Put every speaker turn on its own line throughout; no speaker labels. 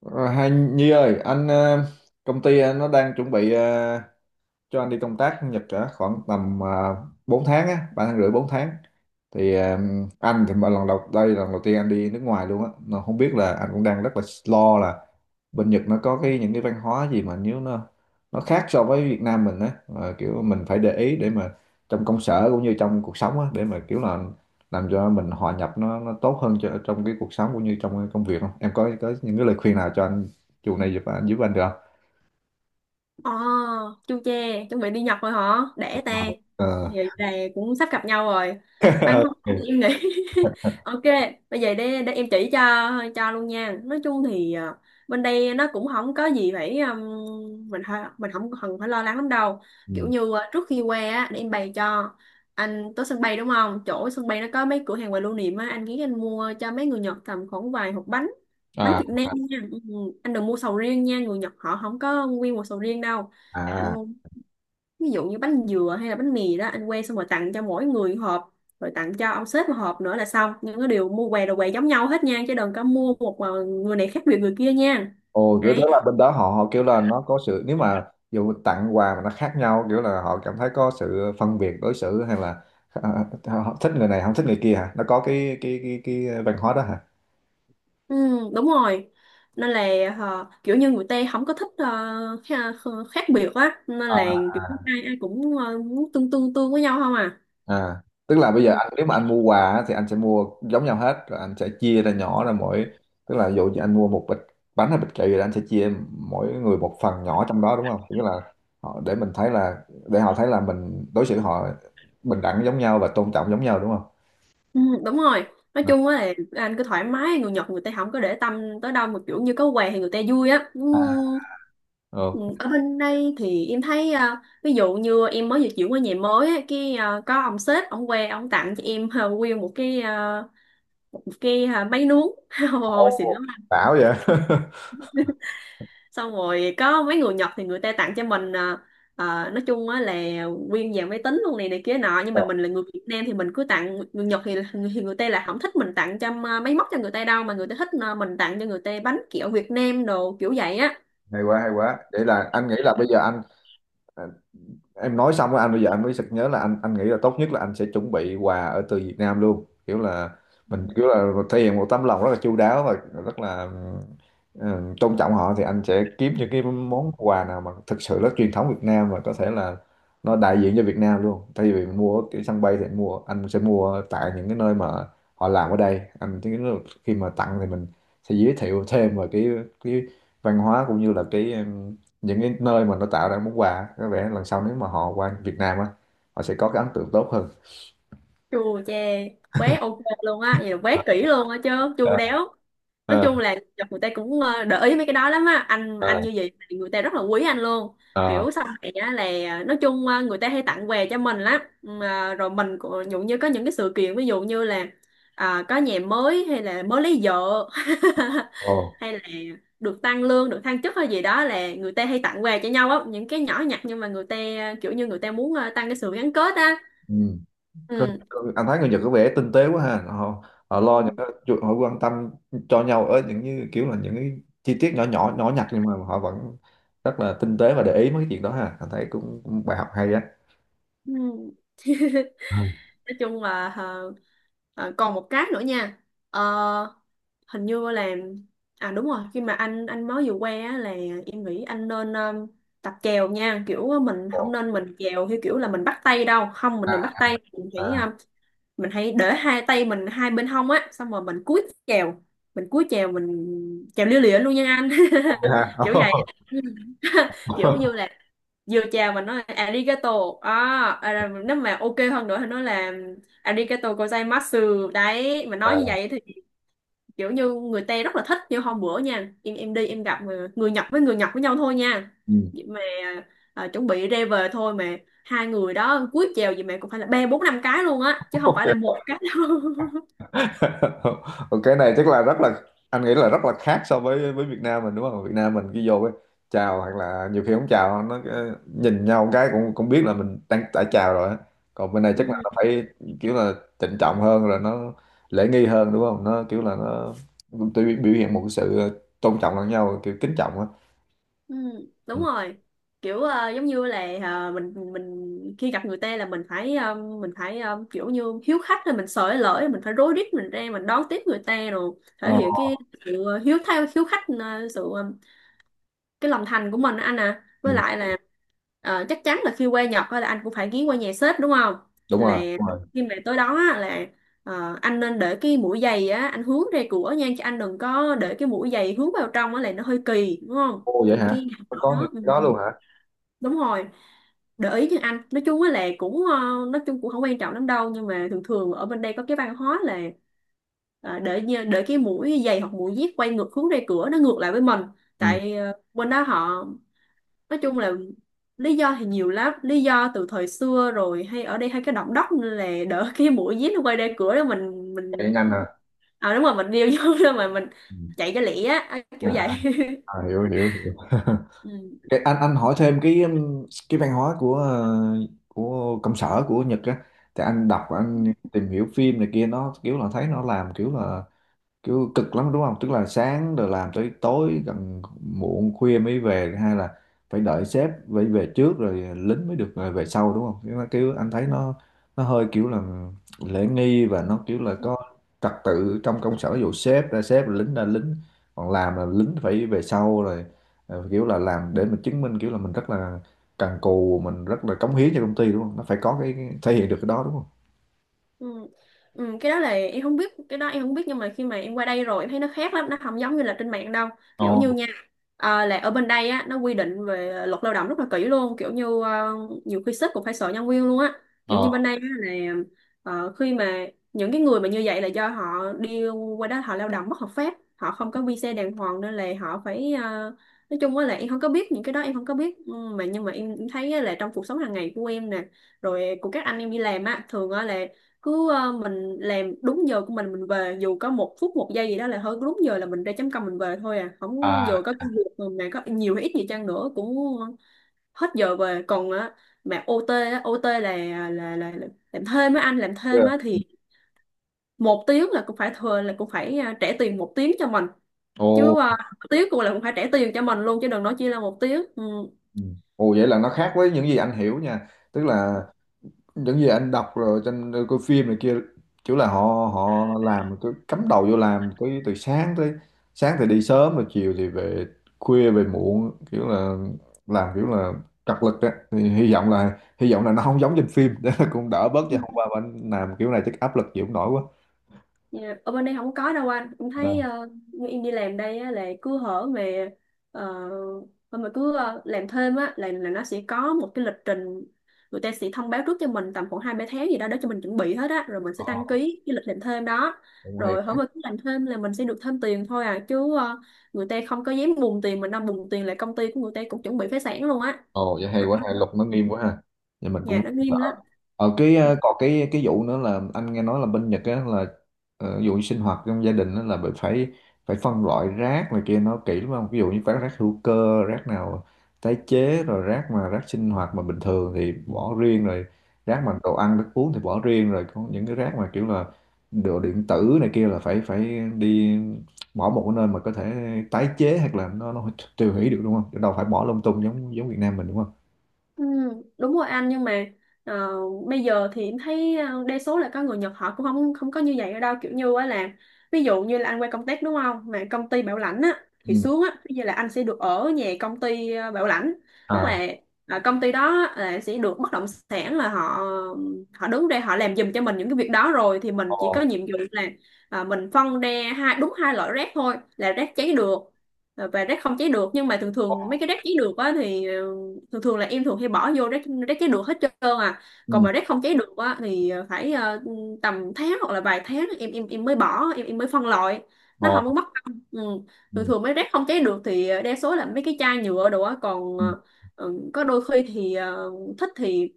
Ờ, Hai Nhi ơi, công ty nó đang chuẩn bị cho anh đi công tác Nhật cả khoảng tầm 4 tháng á, 3 tháng rưỡi 4 tháng. Thì à, anh thì lần đầu đây là lần đầu tiên anh đi nước ngoài luôn á, nó không biết là anh cũng đang rất là lo là bên Nhật nó có cái những cái văn hóa gì mà nếu nó khác so với Việt Nam mình á. Ờ, Kiểu mình phải để ý để mà trong công sở cũng như trong cuộc sống á, để mà kiểu là làm cho mình hòa nhập nó tốt hơn cho trong cái cuộc sống cũng như trong cái công việc, không? Em có những cái lời khuyên nào cho anh này giúp anh được không?
ờ Chu che, chuẩn bị đi Nhật rồi hả? Để ta.
Ờ.
Vậy là cũng sắp gặp nhau rồi. Văn hóa thì
Ok.
em nghĩ. Ok, bây giờ để em chỉ cho luôn nha. Nói chung thì bên đây nó cũng không có gì phải mình không cần phải lo lắng lắm đâu. Kiểu
Ừ.
như trước khi qua á để em bày cho anh tới sân bay đúng không? Chỗ sân bay nó có mấy cửa hàng quà lưu niệm á, anh nghĩ anh mua cho mấy người Nhật tầm khoảng vài hộp bánh bánh
À.
Việt Nam nha. Ừ, anh đừng mua sầu riêng nha, người Nhật họ không có nguyên một sầu riêng đâu, anh
À,
mua ví dụ như bánh dừa hay là bánh mì đó, anh que xong rồi tặng cho mỗi người một hộp, rồi tặng cho ông sếp một hộp nữa là xong. Những cái điều mua què đồ què giống nhau hết nha, chứ đừng có mua một mà người này khác biệt người kia nha,
ồ, kiểu tức
đấy.
là bên đó họ họ kiểu là nó có sự, nếu mà dù tặng quà mà nó khác nhau, kiểu là họ cảm thấy có sự phân biệt đối xử, hay là à, họ thích người này không thích người kia hả? Nó có cái văn hóa đó hả?
Ừ, đúng rồi, nên là kiểu như người Tây không có thích khác biệt á, nên là
À.
kiểu ai ai cũng muốn tương tương tương với nhau không à.
À, tức là bây giờ
Ừ.
anh nếu mà anh mua quà á, thì anh sẽ mua giống nhau hết, rồi anh sẽ chia ra nhỏ ra mỗi, tức là dụ như anh mua một bịch bánh hay bịch kẹo gì đó, anh sẽ chia mỗi người một phần nhỏ trong đó, đúng không? Nghĩa là họ để mình thấy là, để họ thấy là mình đối xử họ bình đẳng giống nhau và tôn trọng giống nhau, đúng không?
Ừ, đúng rồi. Nói chung á là anh cứ thoải mái, người Nhật người ta không có để tâm tới đâu, mà kiểu như có quà thì người ta vui á. Ừ,
À.
ừ,
Ờ.
ở bên đây thì em thấy à, ví dụ như em mới vừa chuyển qua nhà mới á, cái à, có ông sếp ông qua ông tặng cho em à, nguyên một cái à, máy nướng. Ồ, xịn
Ồ,
lắm.
bảo vậy.
Xong rồi có mấy người Nhật thì người ta tặng cho mình à, à, nói chung á là nguyên dàn máy tính luôn này này kia nọ. Nhưng
Ồ,
mà mình là người Việt Nam thì mình cứ tặng người Nhật thì, người ta là không thích mình tặng cho à, máy móc cho người ta đâu, mà người ta thích à, mình tặng cho người ta bánh kẹo Việt Nam đồ kiểu vậy á.
hay quá, hay quá. Vậy là anh nghĩ là bây giờ ờ, em nói xong rồi anh bây giờ anh mới sực nhớ là anh nghĩ là tốt nhất là anh sẽ chuẩn bị quà ở từ Việt Nam luôn, kiểu là mình kiểu là thể hiện một tấm lòng rất là chu đáo và rất là ừ, tôn trọng họ, thì anh sẽ kiếm những cái món quà nào mà thực sự rất truyền thống Việt Nam và có thể là nó đại diện cho Việt Nam luôn, thay vì mình mua ở cái sân bay thì anh mua, anh sẽ mua tại những cái nơi mà họ làm ở đây, anh thấy nó- khi mà tặng thì mình sẽ giới thiệu thêm về cái văn hóa cũng như là cái những cái nơi mà nó tạo ra món quà, có vẻ lần sau nếu mà họ qua Việt Nam á, họ sẽ có cái ấn tượng tốt hơn.
Chu che quá, ok luôn á, vậy là quá kỹ luôn á chứ. Chu
Ờ.
đéo, nói
Ờ.
chung là người ta cũng để ý mấy cái đó lắm á anh
Ờ.
anh như vậy thì người ta rất là quý anh luôn.
Ờ.
Kiểu sau này á là nói chung người ta hay tặng quà cho mình lắm. Mà rồi mình cũng ví dụ như có những cái sự kiện, ví dụ như là à, có nhà mới hay là mới lấy vợ,
Ồ.
hay là được tăng lương, được thăng chức hay gì đó là người ta hay tặng quà cho nhau á, những cái nhỏ nhặt nhưng mà người ta kiểu như người ta muốn tăng cái sự gắn kết á.
Ừ. Có- anh thấy người Nhật có vẻ tinh tế quá ha, họ họ lo những
Ừ.
cái chuyện- họ quan tâm cho nhau ở những như kiểu là những cái chi tiết nhỏ nhỏ nhỏ nhặt nhưng mà họ vẫn rất là tinh tế và để ý mấy cái chuyện đó ha, anh thấy cũng, cũng bài học hay á.
Ừ.
Ừ.
Nói chung là còn một cái nữa nha. Ờ, hình như là à đúng rồi, khi mà anh mới vừa qua á, là em nghĩ anh nên tập chèo nha. Kiểu mình
Ồ.
không nên mình chèo theo kiểu là mình bắt tay đâu không, mình
À.
đừng bắt tay, mình chỉ
À,
mình hãy để hai tay mình hai bên hông á, xong rồi chèo mình cúi chèo mình chèo lia lịa luôn nha anh.
ok ha.
Kiểu vậy kiểu như là vô chào mà nói là arigato, à, nếu mà ok hơn nữa thì nói là arigato gozaimasu đấy, mà
Ờ.
nói như vậy thì kiểu như người Tây rất là thích. Như hôm bữa nha, em đi em gặp mà người Nhật với nhau thôi nha, vậy mà à, chuẩn bị ra về thôi mà hai người đó cúi chào gì mà cũng phải là ba bốn năm cái luôn á, chứ không phải
Ừ.
là một cái đâu.
Cái này chắc là rất là, anh nghĩ là rất là khác so với Việt Nam mình, đúng không? Việt Nam mình khi vô cái chào hoặc là nhiều khi không chào, nó cái- nhìn nhau một cái cũng cũng biết là mình đang đã chào rồi á. Còn bên này chắc là nó phải kiểu là trịnh trọng hơn rồi, nó lễ nghi hơn, đúng không? Nó kiểu là nó tự biểu hiện một cái sự tôn trọng lẫn nhau, kiểu kính trọng á.
Ừ, đúng
Ừ.
rồi, kiểu giống như là mình khi gặp người ta là mình phải kiểu như hiếu khách, là mình sợ lỡ, mình phải rối rít, mình ra mình đón tiếp người ta, rồi
Ờ.
thể hiện cái sự hiếu thao hiếu khách, sự cái lòng thành của mình á anh. À với
Ừ.
lại là chắc chắn là khi qua Nhật á là anh cũng phải ghé qua nhà sếp đúng không.
Đúng
Là
rồi, đúng rồi.
khi mà tới đó á, là anh nên để cái mũi giày á anh hướng ra cửa nha, chứ anh đừng có để cái mũi giày hướng vào trong á là nó hơi kỳ đúng không.
Ô vậy
Những
hả?
cái nhà ở
Có những
đó ừ,
cái đó luôn hả?
đúng rồi. Để ý như anh nói chung á là cũng nói chung cũng không quan trọng lắm đâu, nhưng mà thường thường ở bên đây có cái văn hóa là để cái mũi giày hoặc mũi dép quay ngược hướng ra cửa, nó ngược lại với mình.
Ừ.
Tại bên đó họ nói chung là lý do thì nhiều lắm, lý do từ thời xưa rồi, hay ở đây hay cái động đất nên là đỡ cái mũi dí nó quay ra cửa đó, mình
Cái nhanh hả?
à đúng rồi, mình điêu vô đó, mà mình
Ừ.
chạy cho lẹ á
À.
kiểu vậy.
À, hiểu hiểu hiểu.
Ừ.
Cái- anh hỏi thêm cái văn hóa của của công sở của Nhật á, thì anh đọc, anh tìm hiểu phim này kia, nó kiểu là thấy nó làm kiểu là kiểu cực lắm đúng không, tức là sáng rồi làm tới tối gần muộn khuya mới về, hay là phải đợi sếp phải về trước rồi lính mới được về sau, đúng không kiểu, nó- kiểu anh thấy nó hơi kiểu là lễ nghi và nó kiểu là có trật tự trong công sở, ví dụ sếp ra sếp lính ra lính, còn làm là lính phải về sau rồi kiểu là làm để mình chứng minh kiểu là mình rất là cần cù, mình rất là cống hiến cho công ty đúng không, nó phải có cái thể hiện được cái đó đúng không.
Ừ. Ừ, cái đó là em không biết, cái đó em không biết, nhưng mà khi mà em qua đây rồi em thấy nó khác lắm, nó không giống như là trên mạng đâu. Kiểu như
Ồ.
nha là ở bên đây á nó quy định về luật lao động rất là kỹ luôn, kiểu như nhiều khi sếp cũng phải sợ nhân viên luôn á. Kiểu
Ờ.
như bên đây á, là khi mà những cái người mà như vậy là do họ đi qua đó họ lao động bất hợp pháp, họ không có visa đàng hoàng, nên là họ phải nói chung á là em không có biết những cái đó, em không có biết. Ừ, mà nhưng mà em thấy á là trong cuộc sống hàng ngày của em nè, rồi của các anh em đi làm á, thường á là cứ mình làm đúng giờ của mình về, dù có một phút một giây gì đó là thôi, đúng giờ là mình ra chấm công mình về thôi à không,
À.
dù có cái việc mà mẹ có nhiều hay ít gì chăng nữa cũng hết giờ về còn á. Mà OT á, OT là, là làm thêm á anh, làm thêm
Yeah.
á thì một tiếng là cũng phải thừa, là cũng phải à, trả tiền một tiếng cho mình chứ à, tiếng cũng là cũng phải trả tiền cho mình luôn, chứ đừng nói chỉ là một tiếng.
Ừ. Ồ vậy là nó khác với những gì anh hiểu nha. Tức là
Ừ.
những gì anh đọc rồi trên coi phim này kia, kiểu là họ họ làm cứ cắm đầu vô làm tới từ sáng tới sáng thì đi sớm rồi chiều thì về khuya về muộn, kiểu là làm kiểu là cật lực á, thì hy vọng là nó không giống trên phim để cũng đỡ bớt chứ hôm qua mà anh làm kiểu này chắc áp lực chịu không nổi quá.
Dạ, ở bên đây không có đâu anh, em
Ờ.
thấy như em đi làm đây á, là cứ hở về ờ, mà cứ làm thêm á là nó sẽ có một cái lịch trình. Người ta sẽ thông báo trước cho mình tầm khoảng hai ba tháng gì đó để cho mình chuẩn bị hết á, rồi mình sẽ đăng
Ồ,
ký cái lịch làm thêm đó.
cũng hay
Rồi hở
quá.
mà cứ làm thêm là mình sẽ được thêm tiền thôi à, chứ người ta không có dám bùng tiền mình, đang bùng tiền là công ty của người ta cũng chuẩn bị phá sản luôn á.
Ồ vậy hay
Đó.
quá, hay luật nó nghiêm quá ha. Vậy mình
Nhà
cũng
nó
đỡ.
nghiêm lắm.
Còn cái vụ nữa là anh nghe nói là bên Nhật á là ví dụ như sinh hoạt trong gia đình á là bị phải phải phân loại rác này kia, nó kỹ lắm không? Ví dụ như rác rác hữu cơ, rác nào tái chế, rồi rác mà rác sinh hoạt mà bình thường thì bỏ riêng rồi, rác mà đồ ăn thức uống thì bỏ riêng rồi, có những cái rác mà kiểu là đồ điện tử này kia là phải phải đi bỏ một cái nơi mà có thể tái chế hoặc là nó tiêu hủy được, đúng không? Chứ đâu phải bỏ lung tung giống giống Việt Nam mình, đúng không?
Ừ, đúng rồi anh, nhưng mà ờ, bây giờ thì em thấy đa số là có người Nhật họ cũng không không có như vậy ở đâu. Kiểu như á là ví dụ như là anh qua công tác đúng không, mà công ty bảo lãnh á thì
Ừ.
xuống á bây giờ là anh sẽ được ở nhà công ty bảo lãnh. Tức
À.
là công ty đó là sẽ được bất động sản, là họ họ đứng ra họ làm giùm cho mình những cái việc đó. Rồi thì mình
Ờ.
chỉ có nhiệm vụ là mình phân ra hai, đúng hai loại rác thôi, là rác cháy được và rác không cháy được. Nhưng mà thường
Ờ.
thường mấy cái rác cháy được á thì thường thường là em thường hay bỏ vô rác rác cháy được hết trơn. À còn
Ừ.
mà rác không cháy được á thì phải tầm tháng hoặc là vài tháng em mới bỏ, em mới phân loại, nó
Ờ.
không có mất công. Ừ. Thường
Ừ.
thường mấy rác không cháy được thì đa số là mấy cái chai nhựa đồ á, còn
Ừ.
ừ, có đôi khi thì thích thì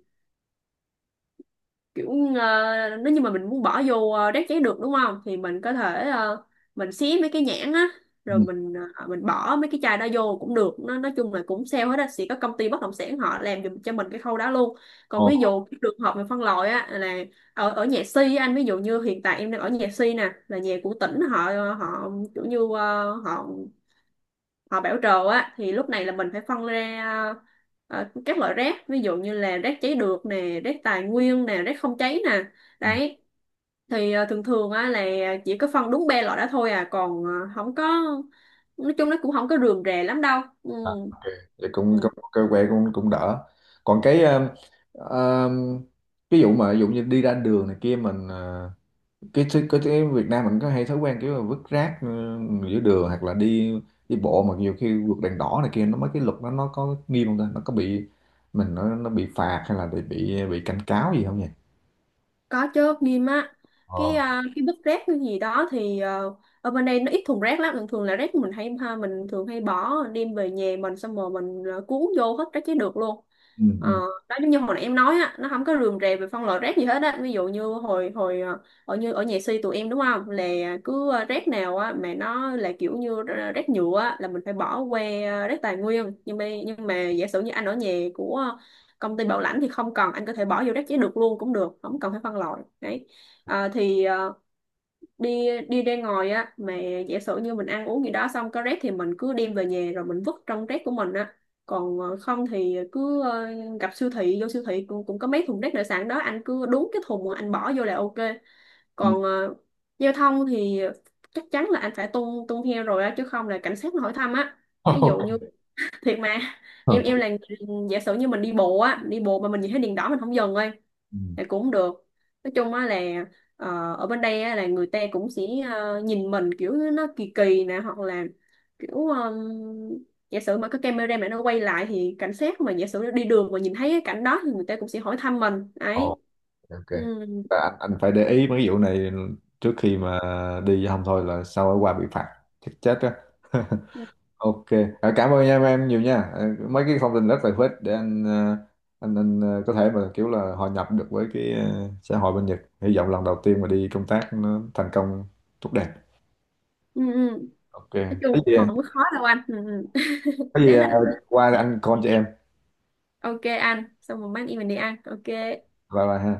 kiểu nếu như mà mình muốn bỏ vô rác giấy được đúng không thì mình có thể mình xé mấy cái nhãn á, rồi
Ừ.
mình bỏ mấy cái chai đó vô cũng được, nó nói chung là cũng sale hết á, sẽ có công ty bất động sản họ làm giùm cho mình cái khâu đó luôn. Còn
Ồ.
ví dụ cái trường hợp về phân loại á là ở ở nhà si á anh, ví dụ như hiện tại em đang ở nhà si nè là nhà của tỉnh họ họ kiểu như họ họ bảo trồ á thì lúc này là mình phải phân ra các loại rác, ví dụ như là rác cháy được nè, rác tài nguyên nè, rác không cháy nè,
Ừ.
đấy. Thì thường thường á là chỉ có phân đúng ba loại đó thôi à, còn không có, nói chung nó cũng không có rườm rà lắm đâu. Ừ.
À, ok, vậy cũng
Ừ.
cũng cơ quê cũng cũng đỡ. Còn cái um, ví dụ mà ví dụ như đi ra đường này kia mình cái Việt Nam mình có hay thói quen kiểu là vứt rác giữa đường hoặc là đi đi bộ mà nhiều khi vượt đèn đỏ này kia, nó mấy cái luật nó có nghiêm không ta, nó có bị mình nó bị phạt hay là bị bị cảnh cáo gì không nhỉ?
Có chứ, nghiêm á.
Ờ.
Cái vứt rác cái gì đó thì ở bên đây nó ít thùng rác lắm, thường thường là rác mình hay ha, mình thường hay bỏ đem về nhà mình, xong rồi cuốn vô hết rác chế được luôn.
Ừ.
Ờ,
Ừ.
đó giống như hồi nãy em nói á, nó không có rườm rà về phân loại rác gì hết á, ví dụ như hồi hồi ờ, ở như ở nhà si tụi em đúng không, là cứ rác nào á mà nó là kiểu như rác nhựa á là mình phải bỏ qua rác tài nguyên. Nhưng mà giả sử như anh ở nhà của công ty bảo lãnh thì không cần, anh có thể bỏ vô rác giấy được luôn cũng được, không cần phải phân loại, đấy. Ờ, thì đi đi ra ngoài á mà giả sử như mình ăn uống gì đó xong có rác thì mình cứ đem về nhà rồi mình vứt trong rác của mình á, còn không thì cứ gặp siêu thị vô siêu thị cũng có mấy thùng rác nội sản đó, anh cứ đúng cái thùng mà anh bỏ vô là ok.
Ừ.
Còn giao thông thì chắc chắn là anh phải tuân tuân theo rồi á, chứ không là cảnh sát nó hỏi thăm á. Ví dụ như thiệt mà
Ok.
giả sử như mình đi bộ á, đi bộ mà mình nhìn thấy đèn đỏ mình không dừng thôi thì cũng không được. Nói chung á là ở bên đây á, là người ta cũng sẽ nhìn mình kiểu nó kỳ kỳ nè, hoặc là kiểu giả sử mà có camera mà nó quay lại thì cảnh sát mà giả sử đi đường mà nhìn thấy cái cảnh đó thì người ta cũng sẽ hỏi thăm mình
Ừ.
ấy.
Ok.
Ừ.
Và anh phải để ý mấy vụ này trước khi mà đi không thôi là sau ở qua bị phạt chết chết á.
Ừ.
Ok. À, cảm ơn em nhiều nha. À, mấy cái thông tin rất là hữu ích để anh ờ, có thể mà kiểu là hòa nhập được với cái xã hội bên Nhật, hy vọng lần đầu tiên mà đi công tác nó thành công tốt đẹp.
Ừ. Ừ.
Ok.
Nói chung
Cái
cũng
gì,
không có khó đâu anh. Ừ. Ừ.
có gì
Đáng là
ờ,
anh.
qua anh call cho em,
Ok anh, xong rồi mai em mình đi ăn, ok.
bye bye ha.